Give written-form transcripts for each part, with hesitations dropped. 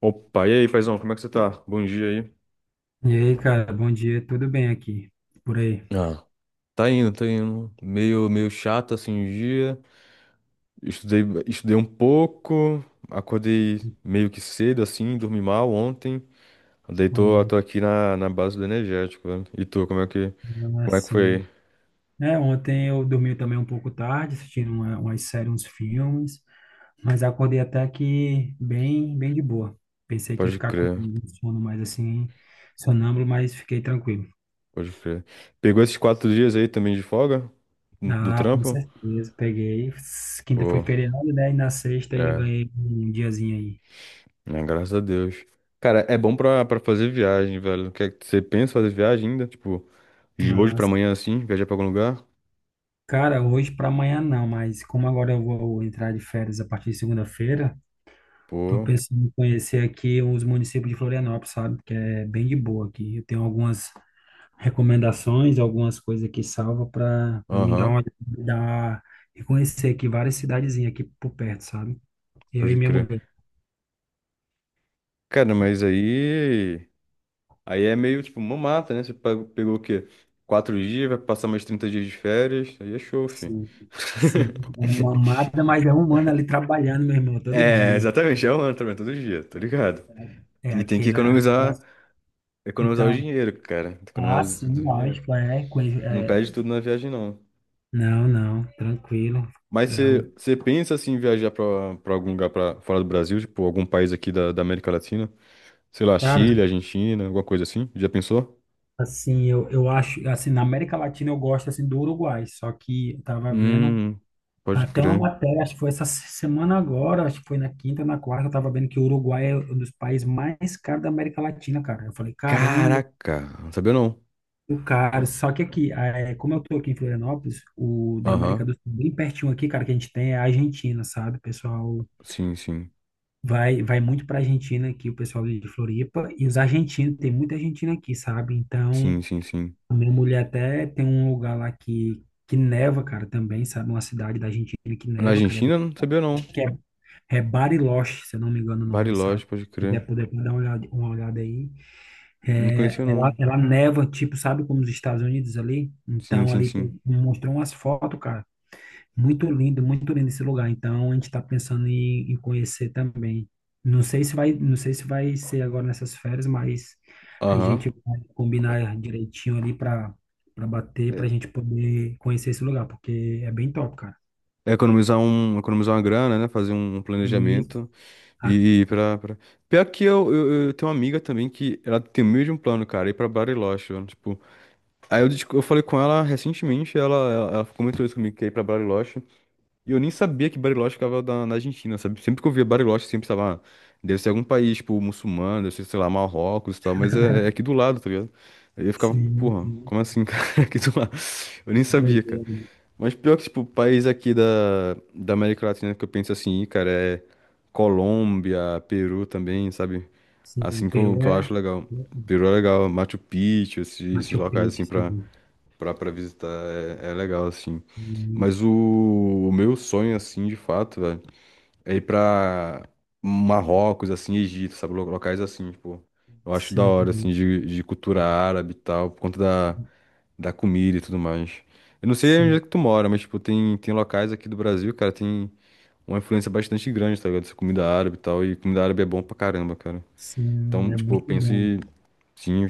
Opa, e aí, paizão, como é que você tá? Bom dia aí. E aí, cara, bom dia, tudo bem aqui? Por aí? Ah, tá indo, tá indo. Meio chato assim o dia. Estudei um pouco, acordei meio que cedo, assim, dormi mal ontem. Daí tô, Olha, tô aqui na base do energético, velho. E tu, como é que, é como é que foi? assim. Aí? É, ontem eu dormi também um pouco tarde, assistindo umas séries, uns filmes, mas acordei até que bem, bem de boa. Pensei que ia Pode ficar com crer, um sono mais assim, sonâmbulo, mas fiquei tranquilo. pode crer. Pegou esses 4 dias aí também de folga do Ah, com trampo? certeza, peguei. Quinta foi Pô, feriado, né? E na sexta ainda é, ganhei um diazinho aí. né, graças a Deus. Cara, é bom pra fazer viagem, velho. Quer, você pensa em fazer viagem ainda? Tipo, de hoje Ah, pra amanhã, assim, viajar pra algum lugar? cara, hoje para amanhã não, mas como agora eu vou entrar de férias a partir de segunda-feira. Tô Pô, pensando em conhecer aqui os municípios de Florianópolis, sabe? Que é bem de boa aqui. Eu tenho algumas recomendações, algumas coisas aqui salva para me dar aham, uma me dar e conhecer aqui várias cidadezinhas aqui por perto, sabe? Eu e pode minha crer. mulher. Cara, mas aí. Aí é meio tipo uma mata, né? Você pegou, pegou o quê? 4 dias, vai passar mais 30 dias de férias. Aí é show, filho. Sim, sim. É uma mata, mas é um ano ali trabalhando, meu irmão, todo É, dia. exatamente, é um ano também, todo dia, tá ligado? É E tem que aquela. economizar, economizar o Então, dinheiro, cara. ah, Economizar o sim, dinheiro. lógico, é, Não é. perde tudo na viagem, não. Não, não, tranquilo. Mas É, o- você pensa assim, em viajar pra algum lugar pra, fora do Brasil, tipo, algum país aqui da América Latina? Sei lá, cara, Chile, Argentina, alguma coisa assim. Já pensou? assim, eu acho, assim, na América Latina eu gosto, assim, do Uruguai, só que eu tava vendo Hum, pode até uma crer. matéria, acho que foi essa semana agora, acho que foi na quinta, na, quarta, eu tava vendo que o Uruguai é um dos países mais caros da América Latina, cara. Eu falei, caramba, Caraca, não sabia não. o caro. Só que aqui, eh, como eu tô aqui em Florianópolis, o da América Aham, do Sul, bem pertinho aqui, cara, que a gente tem é a Argentina, sabe? O pessoal sim, sim. vai muito pra Argentina aqui, o pessoal de Floripa, e os argentinos, tem muita Argentina aqui, sabe? Sim, Então... sim, sim. A minha mulher até tem um lugar lá que neva, cara, também, sabe? Uma cidade da Argentina que Na neva, cara. É, Argentina, não sabia acho não. que é Bariloche, se eu não me engano o nome, Bariloche, sabe? pode Se quiser crer. poder dar uma olhada aí. Não É, conhecia ela, não. ela neva, tipo, sabe como os Estados Unidos ali? Sim, Então, sim, ali sim. tem, mostrou umas fotos, cara. Muito lindo esse lugar. Então a gente está pensando em conhecer também. Não sei se vai, não sei se vai ser agora nessas férias, mas a Aham. gente vai combinar direitinho ali para para bater, É para a gente poder conhecer esse lugar, porque é bem top, cara. é economizar um, economizar uma grana, né? Fazer um E planejamento a- e ir pra, pra... Pior que eu tenho uma amiga também que ela tem o mesmo plano, cara, ir pra Bariloche, mano, tipo... Aí eu falei com ela recentemente, ela comentou isso comigo, que ia ir pra Bariloche. E eu nem sabia que Bariloche ficava na Argentina, sabe? Sempre que eu via Bariloche, sempre estava deve ser algum país, tipo, muçulmano, deve ser, sei lá, Marrocos e tal, mas é, é aqui do lado, tá ligado? Aí eu ficava, sim, porra, sim, como assim, cara? É aqui do lado. Eu nem sabia, cara. doideira. Mas pior que, tipo, país aqui da América Latina que eu penso assim, "Ih, cara, é Colômbia, Peru também, sabe? Sim, Assim que Peru que eu é acho legal. Peru é legal, Machu Picchu, esses Machu locais, Picchu, assim, pra, sim. pra, pra visitar, é, é legal, assim. E- Mas o meu sonho, assim, de fato, velho, é ir pra Marrocos, assim, Egito, sabe? Locais assim, tipo, eu acho da Sim, hora, assim, de cultura árabe e tal, por conta da comida e tudo mais. Eu não sei onde é sim, que tu mora, mas, tipo, tem locais aqui do Brasil, cara, tem uma influência bastante grande, tá ligado? Dessa comida árabe e tal, e comida árabe é bom pra caramba, cara. sim, Então, é tipo, eu muito penso bom. em, sim,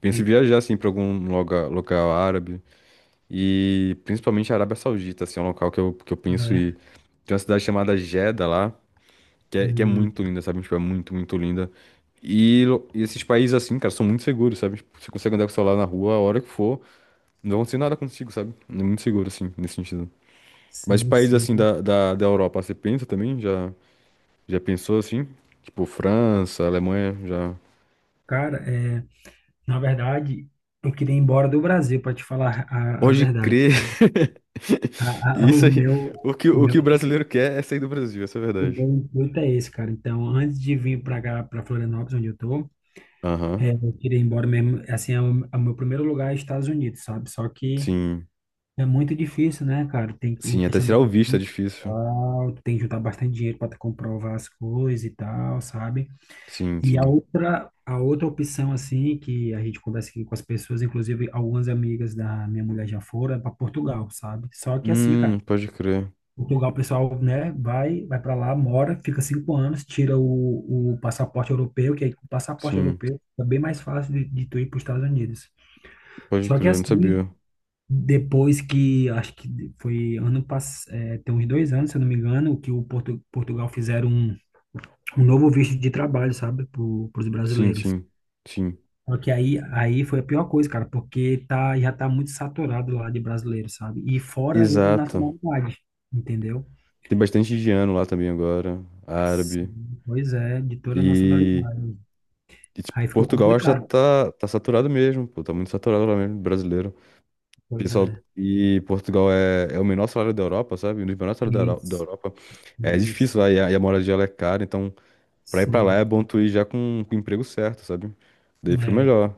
penso em Tem- viajar, assim, pra algum lugar, local árabe. E principalmente a Arábia Saudita, assim, é um local que que eu penso e É. tem uma cidade chamada Jeddah lá, que é Hum. muito linda, sabe? Tipo, é muito, muito linda. E, lo- e esses países assim, cara, são muito seguros, sabe? Tipo, você consegue andar com o celular na rua a hora que for, não vai acontecer nada contigo, sabe? É muito seguro, assim, nesse sentido. Mas Sim, países assim sim. da Europa, você pensa também? Já pensou assim? Tipo, França, Alemanha, já. Cara, é, na verdade, eu queria ir embora do Brasil, para te falar a Pode verdade. crer! A- a- Isso o aí. meu, O que, o o meu, que o brasileiro quer é sair do Brasil, essa é a o verdade. meu intuito é esse, cara. Então, antes de vir para cá, para Florianópolis, onde eu tô, Aham. é, eu queria ir embora mesmo. Assim, é o meu primeiro lugar é Estados Unidos, sabe? Só que Sim, é muito difícil, né, cara? Tem a sim, até questão do tirar o visto é custo e difícil. tal, tem que juntar bastante dinheiro para comprovar as coisas e tal, sabe? Sim, E sim. A outra opção, assim, que a gente conversa aqui com as pessoas, inclusive algumas amigas da minha mulher já foram, é para Portugal, sabe? Só que assim, cara, Pode crer. Portugal, o pessoal, né, vai para lá, mora, fica 5 anos, tira o passaporte europeu, que aí com o passaporte Sim, europeu é bem mais fácil de tu ir para os Estados Unidos. pode Só que crer, eu não assim, sabia. depois que, acho que foi ano passado, é, tem uns 2 anos, se eu não me engano, que o Portugal fizeram um novo visto de trabalho, sabe, para os Sim, brasileiros. sim, sim. Só que aí, aí foi a pior coisa, cara, porque tá, já tá muito saturado lá de brasileiro, sabe? E fora as outras Exato. nacionalidades, entendeu? Tem bastante indiano lá também agora, árabe. Sim, pois é, de toda a E, nacionalidade. Tipo, Aí ficou Portugal acho que já complicado. tá saturado mesmo, pô, tá muito saturado lá mesmo, brasileiro. Pois Pessoal, é, e Portugal é o menor salário da Europa, sabe? Um dos menores salários da isso, Europa. É isso, difícil lá, e a moradia lá é cara, então pra ir pra lá é sim, bom tu ir já com o emprego certo, sabe? Daí fica é, melhor.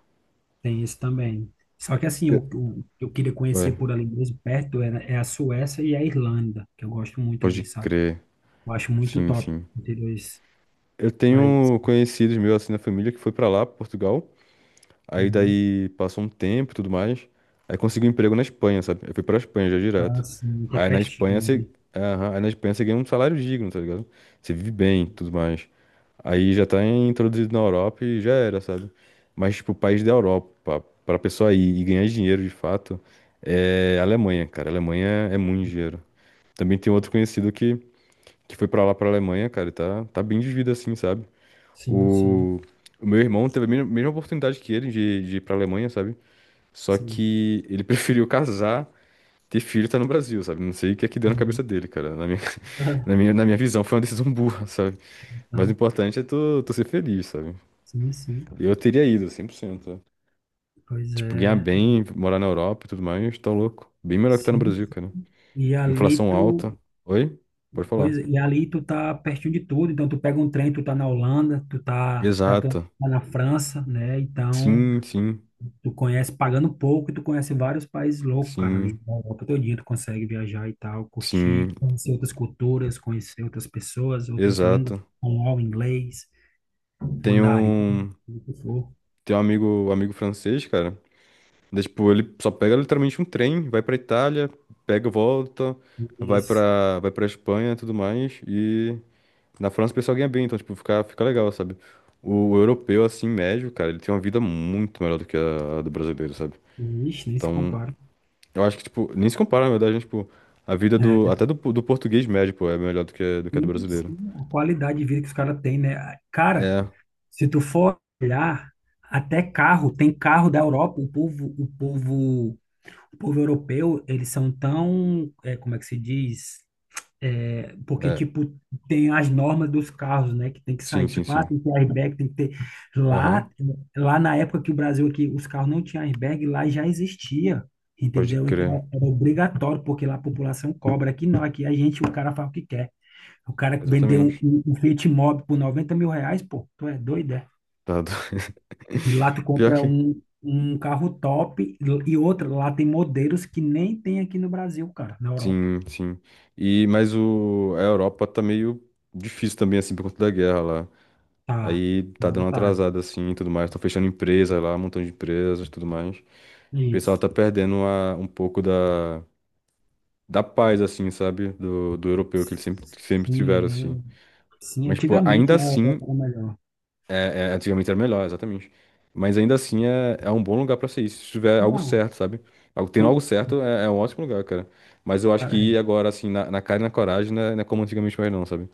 tem isso também. Só que assim, o que eu queria conhecer Ué, por ali mesmo, perto, era, é a Suécia e a Irlanda, que eu gosto muito ali, pode sabe? crer. Eu acho muito Sim, top sim. entre dois Eu países. tenho conhecidos meus assim na família que foi pra lá, Portugal. Aí Uhum. daí passou um tempo e tudo mais. Aí consegui um emprego na Espanha, sabe? Eu fui pra Espanha já Ah, direto. sim, que é Aí na Espanha você. pertinho Aham, aí na Espanha você ganha um salário digno, tá ligado? Você vive bem, e tudo mais. Aí já tá introduzido na Europa e já era, sabe? Mas, tipo, o país da Europa, pra pessoa ir e ganhar dinheiro de fato, é a Alemanha, cara. A Alemanha é muito ali. dinheiro. Também tem outro conhecido que foi pra lá, pra Alemanha, cara, e tá bem de vida assim, sabe? Sim, sim, O, o meu irmão teve a mesma oportunidade que ele de ir pra Alemanha, sabe? Só sim. que ele preferiu casar, ter filho e tá no Brasil, sabe? Não sei o que é que deu na cabeça Uhum. dele, cara. Na minha, na minha, na minha visão foi uma decisão burra, sabe? Mas o Não, importante é tu ser feliz, sabe? sim, sim. Eu teria ido, 100%. Né? Pois Tipo, ganhar é. bem, morar na Europa e tudo mais, tá louco. Bem melhor que tá no Sim. Brasil, cara. E ali Inflação alta. tu, Oi? Pode falar. pois, e ali tu tá pertinho de tudo. Então tu pega um trem, tu tá na Holanda, tu tá, tá, tu Exato. tá na França, né? Então Sim, sim, tu conhece pagando pouco e tu conhece vários países loucos, cara, sim, ali na Europa todinha tu consegue viajar e tal, curtir, sim. conhecer outras culturas, conhecer outras pessoas, outras línguas, Exato. espanhol, inglês, Tem mandarim, um, o que for. tem um amigo francês, cara. Daí, tipo, ele só pega literalmente um trem, vai pra Itália, pega, volta, vai Isso. pra, vai pra Espanha e tudo mais. E na França o pessoal ganha bem, então, tipo, fica legal, sabe? O europeu, assim, médio, cara, ele tem uma vida muito melhor do que a do brasileiro, sabe? Ixi, nem se Então, compara. eu acho que, tipo, nem se compara, na verdade, né? Tipo, a vida do, É, até do, do português médio, pô, é melhor do que a do e brasileiro. sim, a qualidade de vida que os caras têm, né? Cara, É, se tu for olhar, até carro, tem carro da Europa, o povo europeu, eles são tão, é, como é que se diz? É, porque, é, tipo, tem as normas dos carros, né? Que tem que sim, sair, sim, tipo, ah, sim. tem que ter airbag, tem que ter... Lá, Aham, lá na época que o Brasil aqui, os carros não tinham airbag, lá já existia, pode entendeu? crer. Então, era obrigatório, porque lá a população cobra. Aqui não, aqui a gente, o cara faz o que quer. O cara que vendeu um, Exatamente. um, um Fiat Mobi por R$ 90.000, pô, tu é doido, é? Tá do- E lá tu Pior compra que. um carro top, e outra, lá tem modelos que nem tem aqui no Brasil, cara, na Europa. Sim, sim. E, mas o, a Europa tá meio difícil também, assim, por conta da guerra lá. Tá, Aí tá dando agora uma tá. atrasada, assim, e tudo mais. Estão fechando empresas lá, um montão de empresas e tudo mais. E o pessoal Isso. tá perdendo um pouco da paz, assim, sabe? Do europeu que eles sempre, que sempre Sim, tiveram, assim. é. Sim, Mas, pô, antigamente, ainda né, a Europa assim era melhor. é, é, antigamente era melhor, exatamente. Mas ainda assim é um bom lugar pra ser isso. Se tiver algo Não, certo, sabe? Algo- Tendo com, algo certo é um ótimo lugar, cara. Mas eu acho que cara, é. ir agora, assim, na cara e na coragem, não é como antigamente mais não, sabe?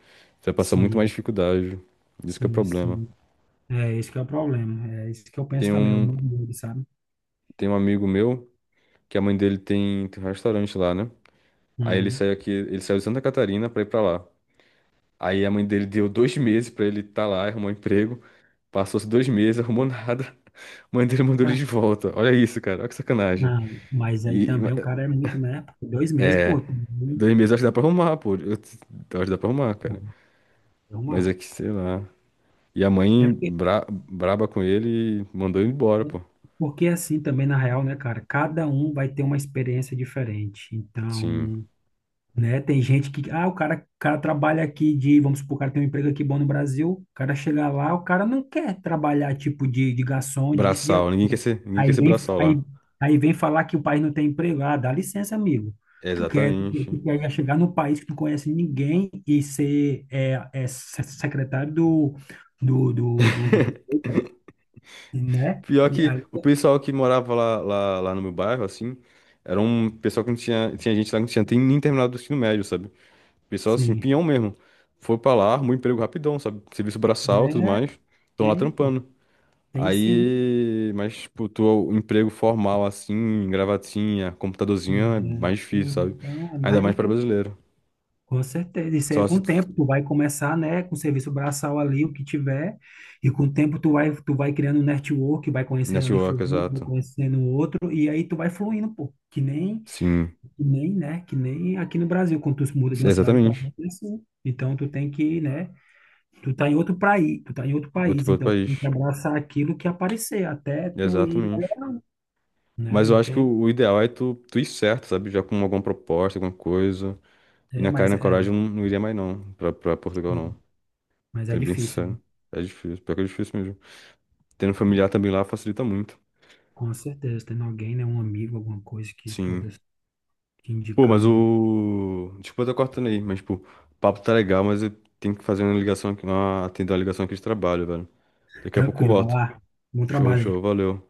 Você vai passar muito mais Sim, dificuldade. Isso que é o sim, problema. sim. É esse que é o problema. É isso que eu penso Tem também, o um, meu medo, sabe? tem um amigo meu que a mãe dele tem um restaurante lá, né? Aí ele Uhum. saiu aqui, ele saiu de Santa Catarina pra ir pra lá. Aí a mãe dele deu 2 meses pra ele estar tá lá, arrumou um emprego. Passou-se 2 meses, arrumou nada. A mãe dele mandou ele É, de volta. Olha isso, cara. Olha que sacanagem. não, mas aí E ma- também o cara é muito, né? 2 meses, pô, 2 meses eu acho que dá pra arrumar, pô. Eu acho que dá pra arrumar, cara. é Mas é uma. que, sei lá. E a É mãe porque, braba com ele e mandou ele embora, pô. porque é assim também, na real, né, cara? Cada um vai ter uma experiência diferente. Sim. Então, né, tem gente que. Ah, o cara trabalha aqui de. Vamos supor, o cara tem um emprego aqui bom no Brasil. O cara chega lá, o cara não quer trabalhar tipo de garçom, disso, de Braçal. Aquilo. Ninguém quer Aí ser vem, braçal aí, lá. aí vem falar que o país não tem emprego. Ah, dá licença, amigo. Tu quer, tu quer, tu Exatamente. quer chegar num país que tu não conhece ninguém e ser secretário do do prefeito? Né? Pior E que aí, o pessoal que morava lá no meu bairro, assim, era um pessoal que não tinha, tinha gente lá que não tinha tem nem terminado o ensino médio, sabe? Pessoal assim, sim. pinhão mesmo. Foi pra lá, arrumou emprego rapidão, sabe? Serviço braçal e tudo É, mais. Estão lá tem, pô. trampando. Tem sim. Aí, mas, tipo, tu, emprego formal, assim, gravatinha, computadorzinho, é Né? mais difícil, sabe? Então, é Ainda mais mais para difícil. brasileiro. Com certeza. Isso aí é Só com se o tu... tempo. Tu vai começar, né, com o serviço braçal ali, o que tiver. E com o tempo tu vai criando um network, vai conhecendo ali Network, fulano, vai exato. conhecendo outro. E aí tu vai fluindo, pô. Sim, Que nem, né? Que nem aqui no Brasil, quando tu muda de uma cidade para exatamente. outra, é assim. Então tu tem que, né? Tu tá em outro país, tu tá em outro Outro, país, pra outro então tu tem que país. abraçar aquilo que aparecer, até tu ir Exatamente. né? Mas eu Não acho que tem. O ideal é tu ir certo, sabe? Já com alguma proposta, alguma coisa. E É, na cara e mas na coragem é, eu não, não iria mais, não. Pra Portugal, é, não. mas é Sendo bem difícil, né? sincero. É difícil, pior que é difícil mesmo. Tendo familiar também lá facilita muito. Com certeza, tendo alguém, né? Um amigo, alguma coisa que pode Sim. que Pô, indicar mas ali um. o. Desculpa, eu tô cortando aí, mas, pô, o papo tá legal, mas eu tenho que fazer uma ligação aqui, uma... atender uma ligação aqui de trabalho, velho. Daqui a pouco eu Tranquilo, vai volto. lá. Bom Show, trabalho aí. show, valeu.